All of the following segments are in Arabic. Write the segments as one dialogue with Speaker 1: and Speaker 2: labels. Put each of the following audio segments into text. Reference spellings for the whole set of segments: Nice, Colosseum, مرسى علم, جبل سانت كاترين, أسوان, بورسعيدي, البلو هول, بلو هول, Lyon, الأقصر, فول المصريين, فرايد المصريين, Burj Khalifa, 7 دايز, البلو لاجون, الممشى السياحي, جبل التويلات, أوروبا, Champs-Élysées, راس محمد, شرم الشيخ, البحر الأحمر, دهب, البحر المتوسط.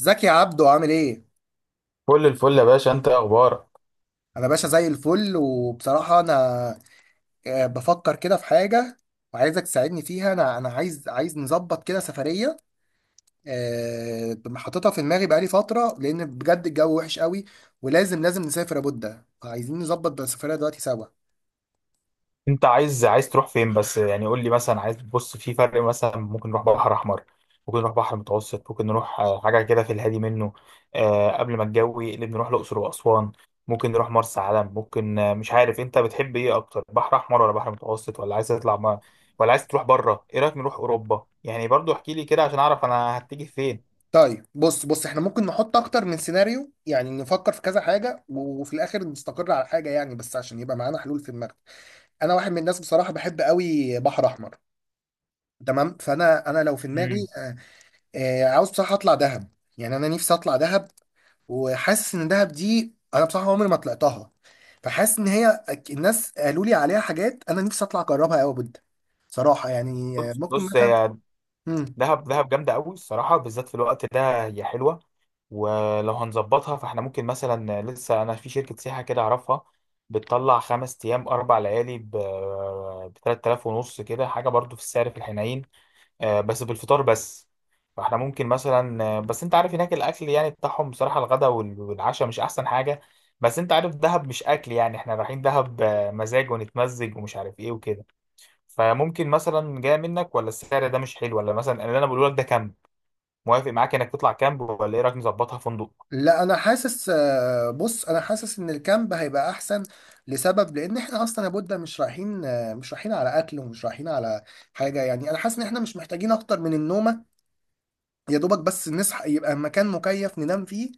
Speaker 1: ازيك يا عبدو؟ عامل ايه؟
Speaker 2: كل الفل يا باشا، انت ايه اخبارك؟
Speaker 1: انا باشا زي الفل، وبصراحة انا آه، بفكر كده في حاجة وعايزك تساعدني فيها. انا عايز نظبط كده سفرية، حاططها في دماغي بقالي فترة، لان بجد الجو وحش قوي، ولازم نسافر لابد. فعايزين نظبط بقى السفرية دلوقتي سوا.
Speaker 2: انت عايز تروح فين بس؟ يعني قول لي، مثلا عايز تبص في فرق. مثلا ممكن نروح بحر احمر، ممكن نروح بحر متوسط، ممكن نروح حاجه كده في الهادي منه. قبل ما الجو يقلب نروح الاقصر واسوان. ممكن نروح مرسى علم. ممكن مش عارف انت بتحب ايه اكتر، بحر احمر ولا بحر متوسط، ولا عايز تطلع ما، ولا عايز تروح بره؟ ايه رايك نروح اوروبا؟ يعني برضو احكي لي كده عشان اعرف انا هتيجي فين.
Speaker 1: طيب بص بص، احنا ممكن نحط اكتر من سيناريو، يعني نفكر في كذا حاجة وفي الاخر نستقر على حاجة، يعني بس عشان يبقى معانا حلول في دماغنا. انا واحد من الناس بصراحة بحب قوي بحر احمر. تمام، فانا لو في دماغي
Speaker 2: مم.
Speaker 1: عاوز بصراحة أطلع دهب. يعني أنا نفسي أطلع دهب، وحاسس إن دهب دي أنا بصراحة عمري ما طلعتها. فحاسس إن هي الناس قالوا لي عليها حاجات، أنا نفسي أطلع أجربها أوي بجد. صراحة يعني
Speaker 2: بص
Speaker 1: ممكن
Speaker 2: بص،
Speaker 1: مثلا.
Speaker 2: هي
Speaker 1: مم.
Speaker 2: دهب دهب جامده قوي الصراحه، بالذات في الوقت ده هي حلوه. ولو هنظبطها فاحنا ممكن مثلا، لسه انا في شركة سياحة كده اعرفها، بتطلع 5 ايام 4 ليالي ب 3000 ونص، كده حاجة برضو في السعر في الحنين. بس بالفطار بس. فاحنا ممكن مثلا، بس انت عارف هناك الاكل يعني بتاعهم، بصراحة الغداء والعشاء مش احسن حاجة. بس انت عارف دهب مش اكل، يعني احنا رايحين دهب مزاج ونتمزج ومش عارف ايه وكده. فممكن مثلا، جاي منك ولا السعر ده مش حلو، ولا مثلا اللي انا بقوله لك ده كامب؟ موافق معاك انك تطلع كامب، ولا ايه رايك نظبطها فندق؟
Speaker 1: لا أنا حاسس بص، أنا حاسس إن الكامب هيبقى أحسن، لسبب، لأن إحنا أصلا يا بودة مش رايحين آه، مش رايحين على أكل، ومش رايحين على حاجة. يعني أنا حاسس إن إحنا مش محتاجين أكتر من النومة، يا دوبك بس نصحى، يبقى مكان مكيف ننام فيه.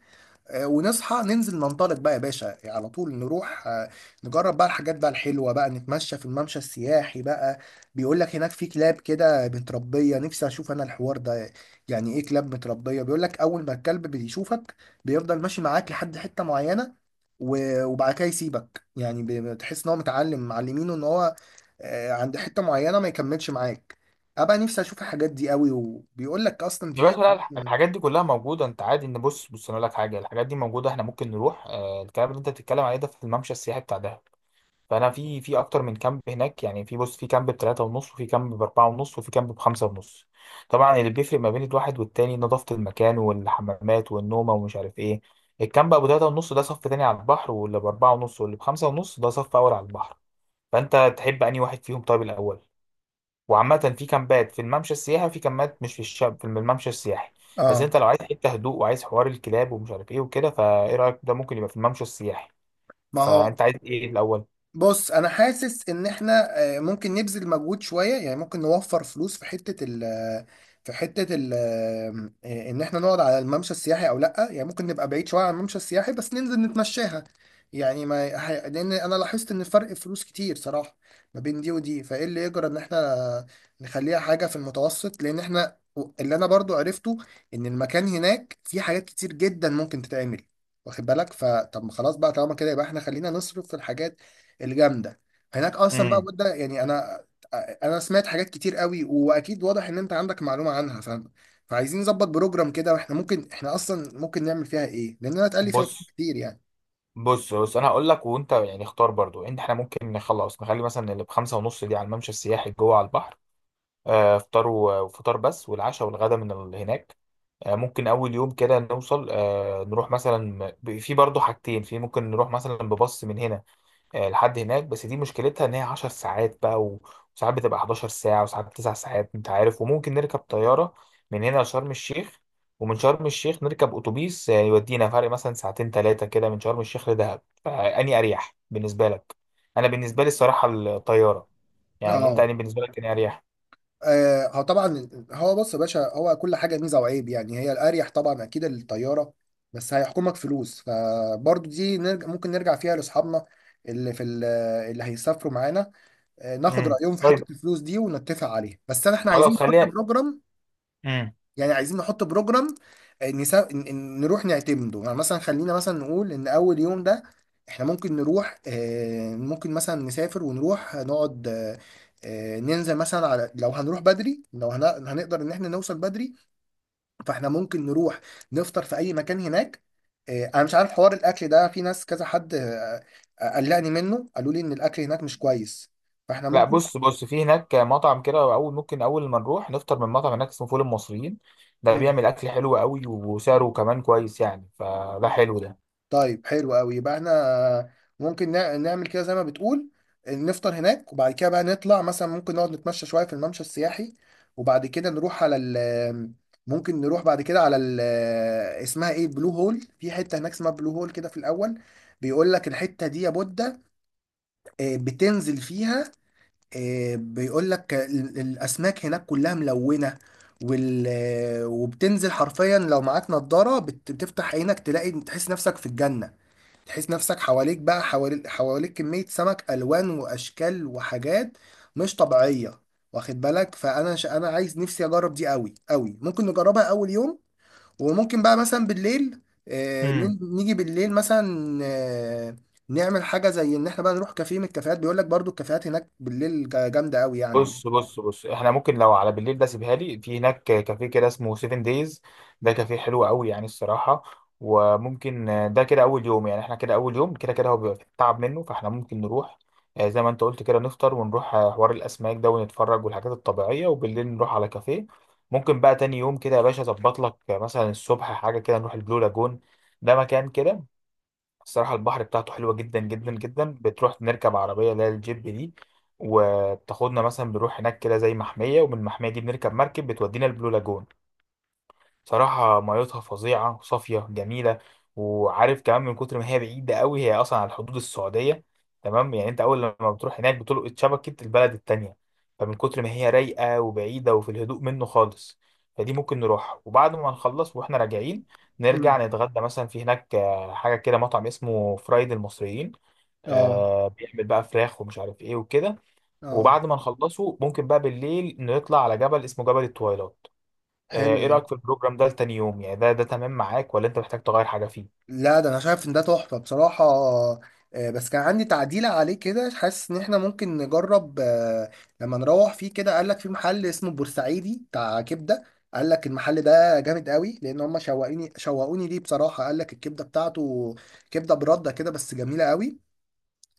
Speaker 1: ونصحى ننزل ننطلق بقى يا باشا، يعني على طول نروح، نجرب بقى الحاجات بقى الحلوة بقى، نتمشى في الممشى السياحي بقى. بيقول لك هناك في كلاب كده متربية، نفسي أشوف أنا الحوار ده. يعني إيه كلاب متربية؟ بيقول لك أول ما الكلب بيشوفك بيفضل ماشي معاك لحد حتة معينة، وبعد كده يسيبك. يعني بتحس إن هو متعلم، معلمينه إن هو عند حتة معينة ما يكملش معاك. أبقى نفسي أشوف الحاجات دي قوي. وبيقول لك أصلا
Speaker 2: يا باشا
Speaker 1: في
Speaker 2: لا، الحاجات دي كلها موجودة. انت عادي ان بص بص، انا اقول لك حاجة، الحاجات دي موجودة. احنا ممكن نروح. الكلام اللي انت بتتكلم عليه ده في الممشى السياحي بتاع دهب. فانا في اكتر من كامب هناك، يعني في، بص، في كامب بتلاتة ونص وفي كامب باربعة ونص وفي كامب بخمسة ونص. طبعا، اللي بيفرق ما بين الواحد والتاني نظافة المكان والحمامات والنومة ومش عارف ايه. الكامب ابو تلاتة ونص ده صف تاني على البحر، واللي باربعة ونص واللي بخمسة ونص ده صف اول على البحر. فانت تحب انهي واحد فيهم؟ طيب الاول. وعامة، في كامبات في الممشى السياحي وفي كامبات مش في الشاب في الممشى السياحي. بس
Speaker 1: آه.
Speaker 2: انت لو عايز حتة هدوء وعايز حوار الكلاب ومش عارف ايه وكده، فايه رأيك؟ ده ممكن يبقى في الممشى السياحي.
Speaker 1: ما هو
Speaker 2: فانت عايز ايه الاول؟
Speaker 1: بص، انا حاسس ان احنا ممكن نبذل مجهود شويه، يعني ممكن نوفر فلوس في حته ال في حته ال آه، ان احنا نقعد على الممشى السياحي او لا. يعني ممكن نبقى بعيد شويه عن الممشى السياحي، بس ننزل نتمشاها. يعني ما ه- لان انا لاحظت ان فرق فلوس كتير صراحه ما بين دي ودي. فايه اللي يجرى ان احنا نخليها حاجه في المتوسط، لان احنا اللي انا برضو عرفته، ان المكان هناك فيه حاجات كتير جدا ممكن تتعمل، واخد بالك؟ فطب ما خلاص بقى، طالما كده يبقى احنا خلينا نصرف في الحاجات الجامده هناك اصلا بقى
Speaker 2: امم
Speaker 1: بودة. يعني انا انا سمعت حاجات كتير قوي، واكيد واضح ان انت عندك معلومه عنها. فعايزين نظبط بروجرام كده، واحنا ممكن، احنا اصلا ممكن نعمل فيها ايه، لان انا اتقال لي فيها كلام
Speaker 2: بص
Speaker 1: كتير يعني.
Speaker 2: بص بص، انا هقول لك وانت يعني اختار برضو ان احنا ممكن نخلص، نخلي مثلا اللي بخمسة ونص دي على الممشى السياحي جوه على البحر. فطار وفطار بس، والعشاء والغدا من هناك. ممكن اول يوم كده نوصل، نروح مثلا، في برضو حاجتين، في ممكن نروح مثلا بباص من هنا لحد هناك، بس دي مشكلتها ان هي 10 ساعات بقى، وساعات بتبقى 11 ساعة وساعات 9 ساعات، انت عارف. وممكن نركب طيارة من هنا لشرم الشيخ، ومن شرم الشيخ نركب اتوبيس يودينا فرق مثلا ساعتين ثلاثة كده من شرم الشيخ لدهب، فأني اريح بالنسبة لك. انا بالنسبة لي الصراحة الطيارة. يعني انت،
Speaker 1: اه.
Speaker 2: يعني بالنسبة لك اني اريح؟
Speaker 1: هو طبعا هو بص يا باشا، هو كل حاجه ميزه وعيب. يعني هي الاريح طبعا اكيد الطياره، بس هيحكمك فلوس، فبرضو دي نرجع ممكن نرجع فيها لاصحابنا اللي اللي هيسافروا معانا، ناخد
Speaker 2: امم،
Speaker 1: رايهم في
Speaker 2: طيب.
Speaker 1: حته الفلوس دي ونتفق عليها. بس انا، احنا عايزين
Speaker 2: خلاص،
Speaker 1: نحط
Speaker 2: خليها.
Speaker 1: بروجرام.
Speaker 2: امم.
Speaker 1: يعني عايزين نحط بروجرام، نروح نعتمده. يعني مثلا خلينا مثلا نقول ان اول يوم ده احنا ممكن نروح، ممكن مثلا نسافر ونروح نقعد، ننزل مثلا على، لو هنروح بدري لو هنقدر ان احنا نوصل بدري، فاحنا ممكن نروح نفطر في اي مكان هناك. انا مش عارف حوار الاكل ده، في ناس كذا حد قلقني منه، قالوا لي ان الاكل هناك مش كويس. فاحنا
Speaker 2: لا، بص بص، في هناك مطعم كده اول. ممكن اول ما نروح نفطر من مطعم هناك اسمه فول المصريين. ده
Speaker 1: ممكن.
Speaker 2: بيعمل اكل حلو قوي وسعره كمان كويس، يعني فده حلو.
Speaker 1: طيب حلو قوي، يبقى احنا ممكن نعمل كده زي ما بتقول، نفطر هناك وبعد كده بقى نطلع مثلا، ممكن نقعد نتمشى شوية في الممشى السياحي، وبعد كده نروح على ال، ممكن نروح بعد كده على ال، اسمها ايه، بلو هول. في حتة هناك اسمها بلو هول كده في الأول، بيقول لك الحتة دي يا بودة بتنزل فيها. بيقول لك الأسماك هناك كلها ملونة وال... وبتنزل حرفيا، لو معاك نضارة بتفتح عينك تلاقي، تحس نفسك في الجنة. تحس نفسك حواليك بقى، حواليك كمية سمك، ألوان وأشكال وحاجات مش طبيعية. واخد بالك؟ أنا عايز، نفسي أجرب دي أوي أوي، ممكن نجربها أول يوم. وممكن بقى مثلا بالليل
Speaker 2: ده
Speaker 1: نيجي بالليل مثلا نعمل حاجة زي إن إحنا بقى نروح كافيه من الكافيهات. بيقول لك برضو الكافيهات هناك بالليل جامدة أوي يعني.
Speaker 2: بص بص بص، احنا ممكن لو على بالليل ده سيبها لي، في هناك كافيه كده اسمه 7 دايز. ده كافيه حلو قوي يعني الصراحة. وممكن، ده كده اول يوم، يعني احنا كده اول يوم كده كده هو بيبقى تعب منه، فاحنا ممكن نروح زي ما انت قلت كده، نفطر ونروح حوار الاسماك ده ونتفرج والحاجات الطبيعية، وبالليل نروح على كافيه. ممكن بقى تاني يوم كده يا باشا اظبط لك، مثلا الصبح حاجة كده نروح البلو لاجون. ده مكان كده. الصراحة البحر بتاعته حلوة جدا جدا جدا. بتروح نركب عربية اللي هي الجيب دي، وبتاخدنا مثلا، بنروح هناك كده زي محمية، ومن المحمية دي بنركب مركب بتودينا البلو لاجون. صراحة ميتها فظيعة، صافية، جميلة. وعارف كمان، من كتر ما هي بعيدة قوي هي أصلا على حدود السعودية. تمام، يعني أنت أول لما بتروح هناك بتلقط شبكة البلد التانية. فمن كتر ما هي رايقة وبعيدة وفي الهدوء منه خالص. فدي ممكن نروح، وبعد ما نخلص وإحنا راجعين
Speaker 1: مم.
Speaker 2: نرجع نتغدى مثلا في هناك، حاجة كده مطعم اسمه فرايد المصريين.
Speaker 1: اه.
Speaker 2: بيعمل بقى فراخ ومش عارف إيه وكده.
Speaker 1: اه.
Speaker 2: وبعد ما نخلصه ممكن بقى بالليل نطلع على جبل اسمه جبل التويلات.
Speaker 1: حلو
Speaker 2: ايه
Speaker 1: ده.
Speaker 2: رأيك في البروجرام ده لتاني يوم؟ يعني ده تمام معاك ولا انت محتاج تغير حاجة فيه؟
Speaker 1: لا ده انا شايف ان ده تحفه بصراحه. بس كان عندي تعديل عليه كده، حاسس ان احنا ممكن نجرب لما نروح فيه كده. قال لك في محل اسمه بورسعيدي بتاع كبده. قال لك المحل ده جامد قوي، لان هم شوقوني شوقوني ليه بصراحه. قال لك الكبده بتاعته كبده برده كده، بس جميله قوي.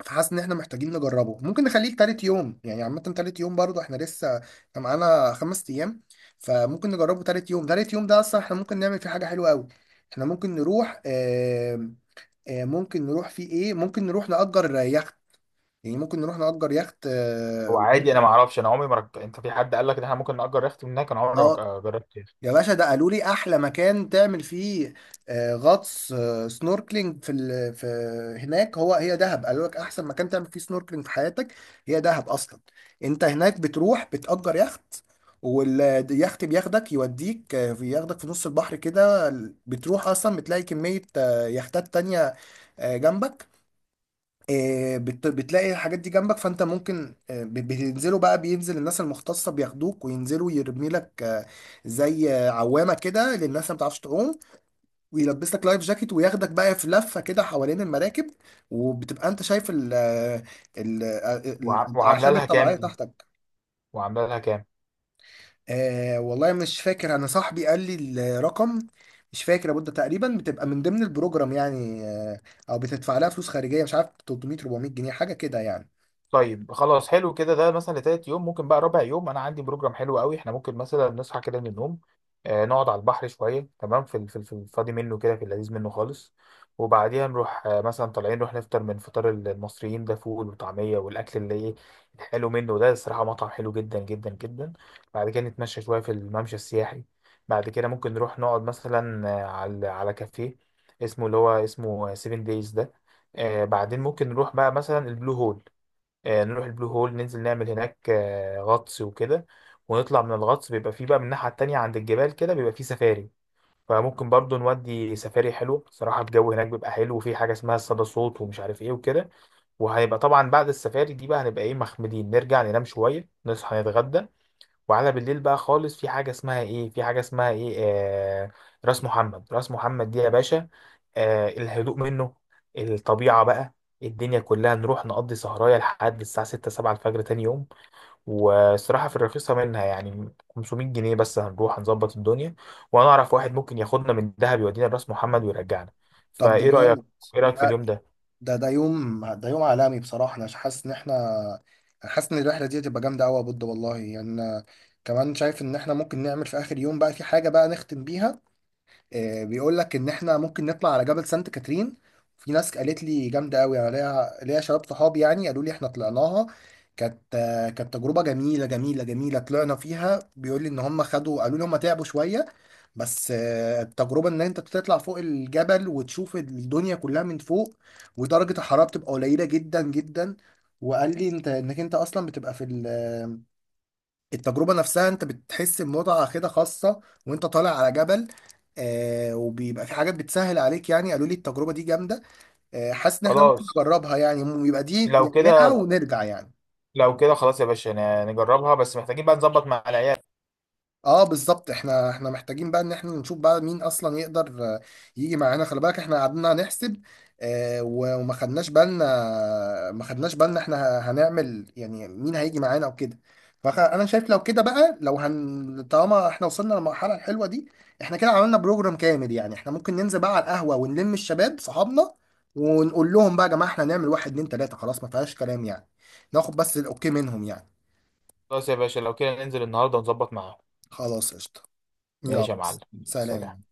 Speaker 1: فحاسس ان احنا محتاجين نجربه، ممكن نخليه تالت يوم يعني. عامه تالت يوم برضو احنا لسه، إحنا معانا خمس ايام، فممكن نجربه تالت يوم. تالت يوم ده اصلا احنا ممكن نعمل فيه حاجه حلوه قوي، احنا ممكن نروح، ممكن نروح فيه ايه، ممكن نروح نأجر يخت. يعني ممكن نروح نأجر يخت، اه،
Speaker 2: هو عادي، انا ما اعرفش، انا عمري ما انت في حد قال لك ان احنا ممكن نأجر يخت من هناك؟ انا عمري ما
Speaker 1: آه،
Speaker 2: جربت يخت.
Speaker 1: يا باشا، ده قالوا لي احلى مكان تعمل فيه غطس، سنوركلينج في هناك. هو هي دهب قالوا لك احسن مكان تعمل فيه سنوركلينج في حياتك هي دهب اصلا. انت هناك بتروح بتأجر يخت، واليخت بياخدك يوديك، بياخدك في نص البحر كده. بتروح اصلا بتلاقي كمية يختات تانية جنبك. بتلاقي الحاجات دي جنبك، فانت ممكن، بتنزلوا بقى، بينزل الناس المختصه بياخدوك وينزلوا، يرمي لك زي عوامه كده للناس اللي ما بتعرفش تعوم، ويلبس لك لايف جاكيت، وياخدك بقى في لفه كده حوالين المراكب، وبتبقى انت شايف
Speaker 2: وعامله
Speaker 1: الاعشاب
Speaker 2: لها كام
Speaker 1: الطبيعيه
Speaker 2: دي؟
Speaker 1: تحتك.
Speaker 2: وعامله لها كام؟
Speaker 1: والله مش فاكر، انا صاحبي قال لي الرقم، مش فاكر يا بودة. تقريبا بتبقى من ضمن البروجرام يعني، او بتدفع لها فلوس خارجيه، مش عارف، 300، 400 جنيه، حاجه كده يعني.
Speaker 2: طيب خلاص، حلو كده. ده مثلا لتالت يوم. ممكن بقى رابع يوم انا عندي بروجرام حلو قوي، احنا ممكن مثلا نصحى كده من النوم، نقعد على البحر شويه، تمام، في الفاضي منه كده، في اللذيذ منه خالص. وبعديها نروح مثلا طالعين نروح نفطر من فطار المصريين ده، فول وطعميه والاكل اللي ايه الحلو منه ده، الصراحه مطعم حلو جدا جدا جدا. بعد كده نتمشى شويه في الممشى السياحي. بعد كده ممكن نروح نقعد مثلا، على كافيه اسمه اللي هو اسمه 7 دايز ده. بعدين ممكن نروح بقى مثلا البلو هول. نروح البلو هول، ننزل نعمل هناك غطس وكده. ونطلع من الغطس، بيبقى فيه بقى من الناحية التانية عند الجبال كده بيبقى فيه سفاري. فممكن برضو نودي سفاري حلو، صراحة الجو هناك بيبقى حلو، وفي حاجة اسمها الصدى صوت ومش عارف ايه وكده. وهيبقى طبعا بعد السفاري دي بقى هنبقى ايه مخمدين، نرجع ننام شوية، نصحى نتغدى. وعلى بالليل بقى خالص في حاجة اسمها ايه، في حاجة اسمها ايه راس محمد، راس محمد دي يا باشا. الهدوء منه، الطبيعة بقى، الدنيا كلها. نروح نقضي سهراية لحد الساعة 6 7 الفجر تاني يوم. والصراحة في الرخيصة منها، يعني 500 جنيه بس، هنروح هنظبط الدنيا. وانا اعرف واحد ممكن ياخدنا من دهب يودينا راس محمد ويرجعنا.
Speaker 1: طب ده
Speaker 2: فايه رأيك؟
Speaker 1: جامد.
Speaker 2: ايه رأيك في
Speaker 1: لا
Speaker 2: اليوم ده؟
Speaker 1: ده، ده يوم عالمي بصراحة. أنا حاسس إن إحنا، أنا حاسس إن الرحلة دي هتبقى جامدة أوي يا بود والله. يعني أنا كمان شايف إن إحنا ممكن نعمل في آخر يوم بقى في حاجة بقى نختم بيها. بيقول لك ان احنا ممكن نطلع على جبل سانت كاترين. في ناس قالت لي جامده قوي، انا ليا شباب صحابي يعني قالوا لي احنا طلعناها، كانت كانت تجربه جميله جميله جميله. طلعنا فيها، بيقول لي ان هم خدوا، قالوا لي هم تعبوا شويه، بس التجربه ان انت بتطلع فوق الجبل وتشوف الدنيا كلها من فوق، ودرجه الحراره بتبقى قليله جدا جدا. وقال لي انت، انك انت اصلا بتبقى في ال آه، التجربة نفسها، انت بتحس بمتعة كده خاصة وانت طالع على جبل. وبيبقى في حاجات بتسهل عليك، يعني قالوا لي التجربة دي جامدة. حاسس ان احنا ممكن
Speaker 2: خلاص.
Speaker 1: نجربها يعني. يبقى دي
Speaker 2: لو
Speaker 1: نعملها
Speaker 2: كده.
Speaker 1: ونرجع يعني.
Speaker 2: لو كده خلاص يا باشا، نجربها، بس محتاجين بقى نظبط مع العيال.
Speaker 1: اه بالظبط، احنا محتاجين بقى ان احنا نشوف بقى مين اصلا يقدر يجي معانا. خلي بالك احنا قعدنا نحسب، وما خدناش بالنا ما خدناش بالنا احنا هنعمل، يعني مين هيجي معانا او كده. فانا شايف لو كده بقى، لو هن، طالما احنا وصلنا للمرحله الحلوه دي، احنا كده عملنا بروجرام كامل. يعني احنا ممكن ننزل بقى على القهوه ونلم الشباب صحابنا، ونقول لهم بقى يا جماعه احنا هنعمل واحد اتنين تلاته، خلاص ما فيهاش كلام يعني، ناخد بس الاوكي منهم يعني.
Speaker 2: خلاص يا باشا، لو كده ننزل النهارده ونظبط معاهم.
Speaker 1: خلاص قشطه. يلا.
Speaker 2: ماشي يا معلم.
Speaker 1: سلام.
Speaker 2: سلام.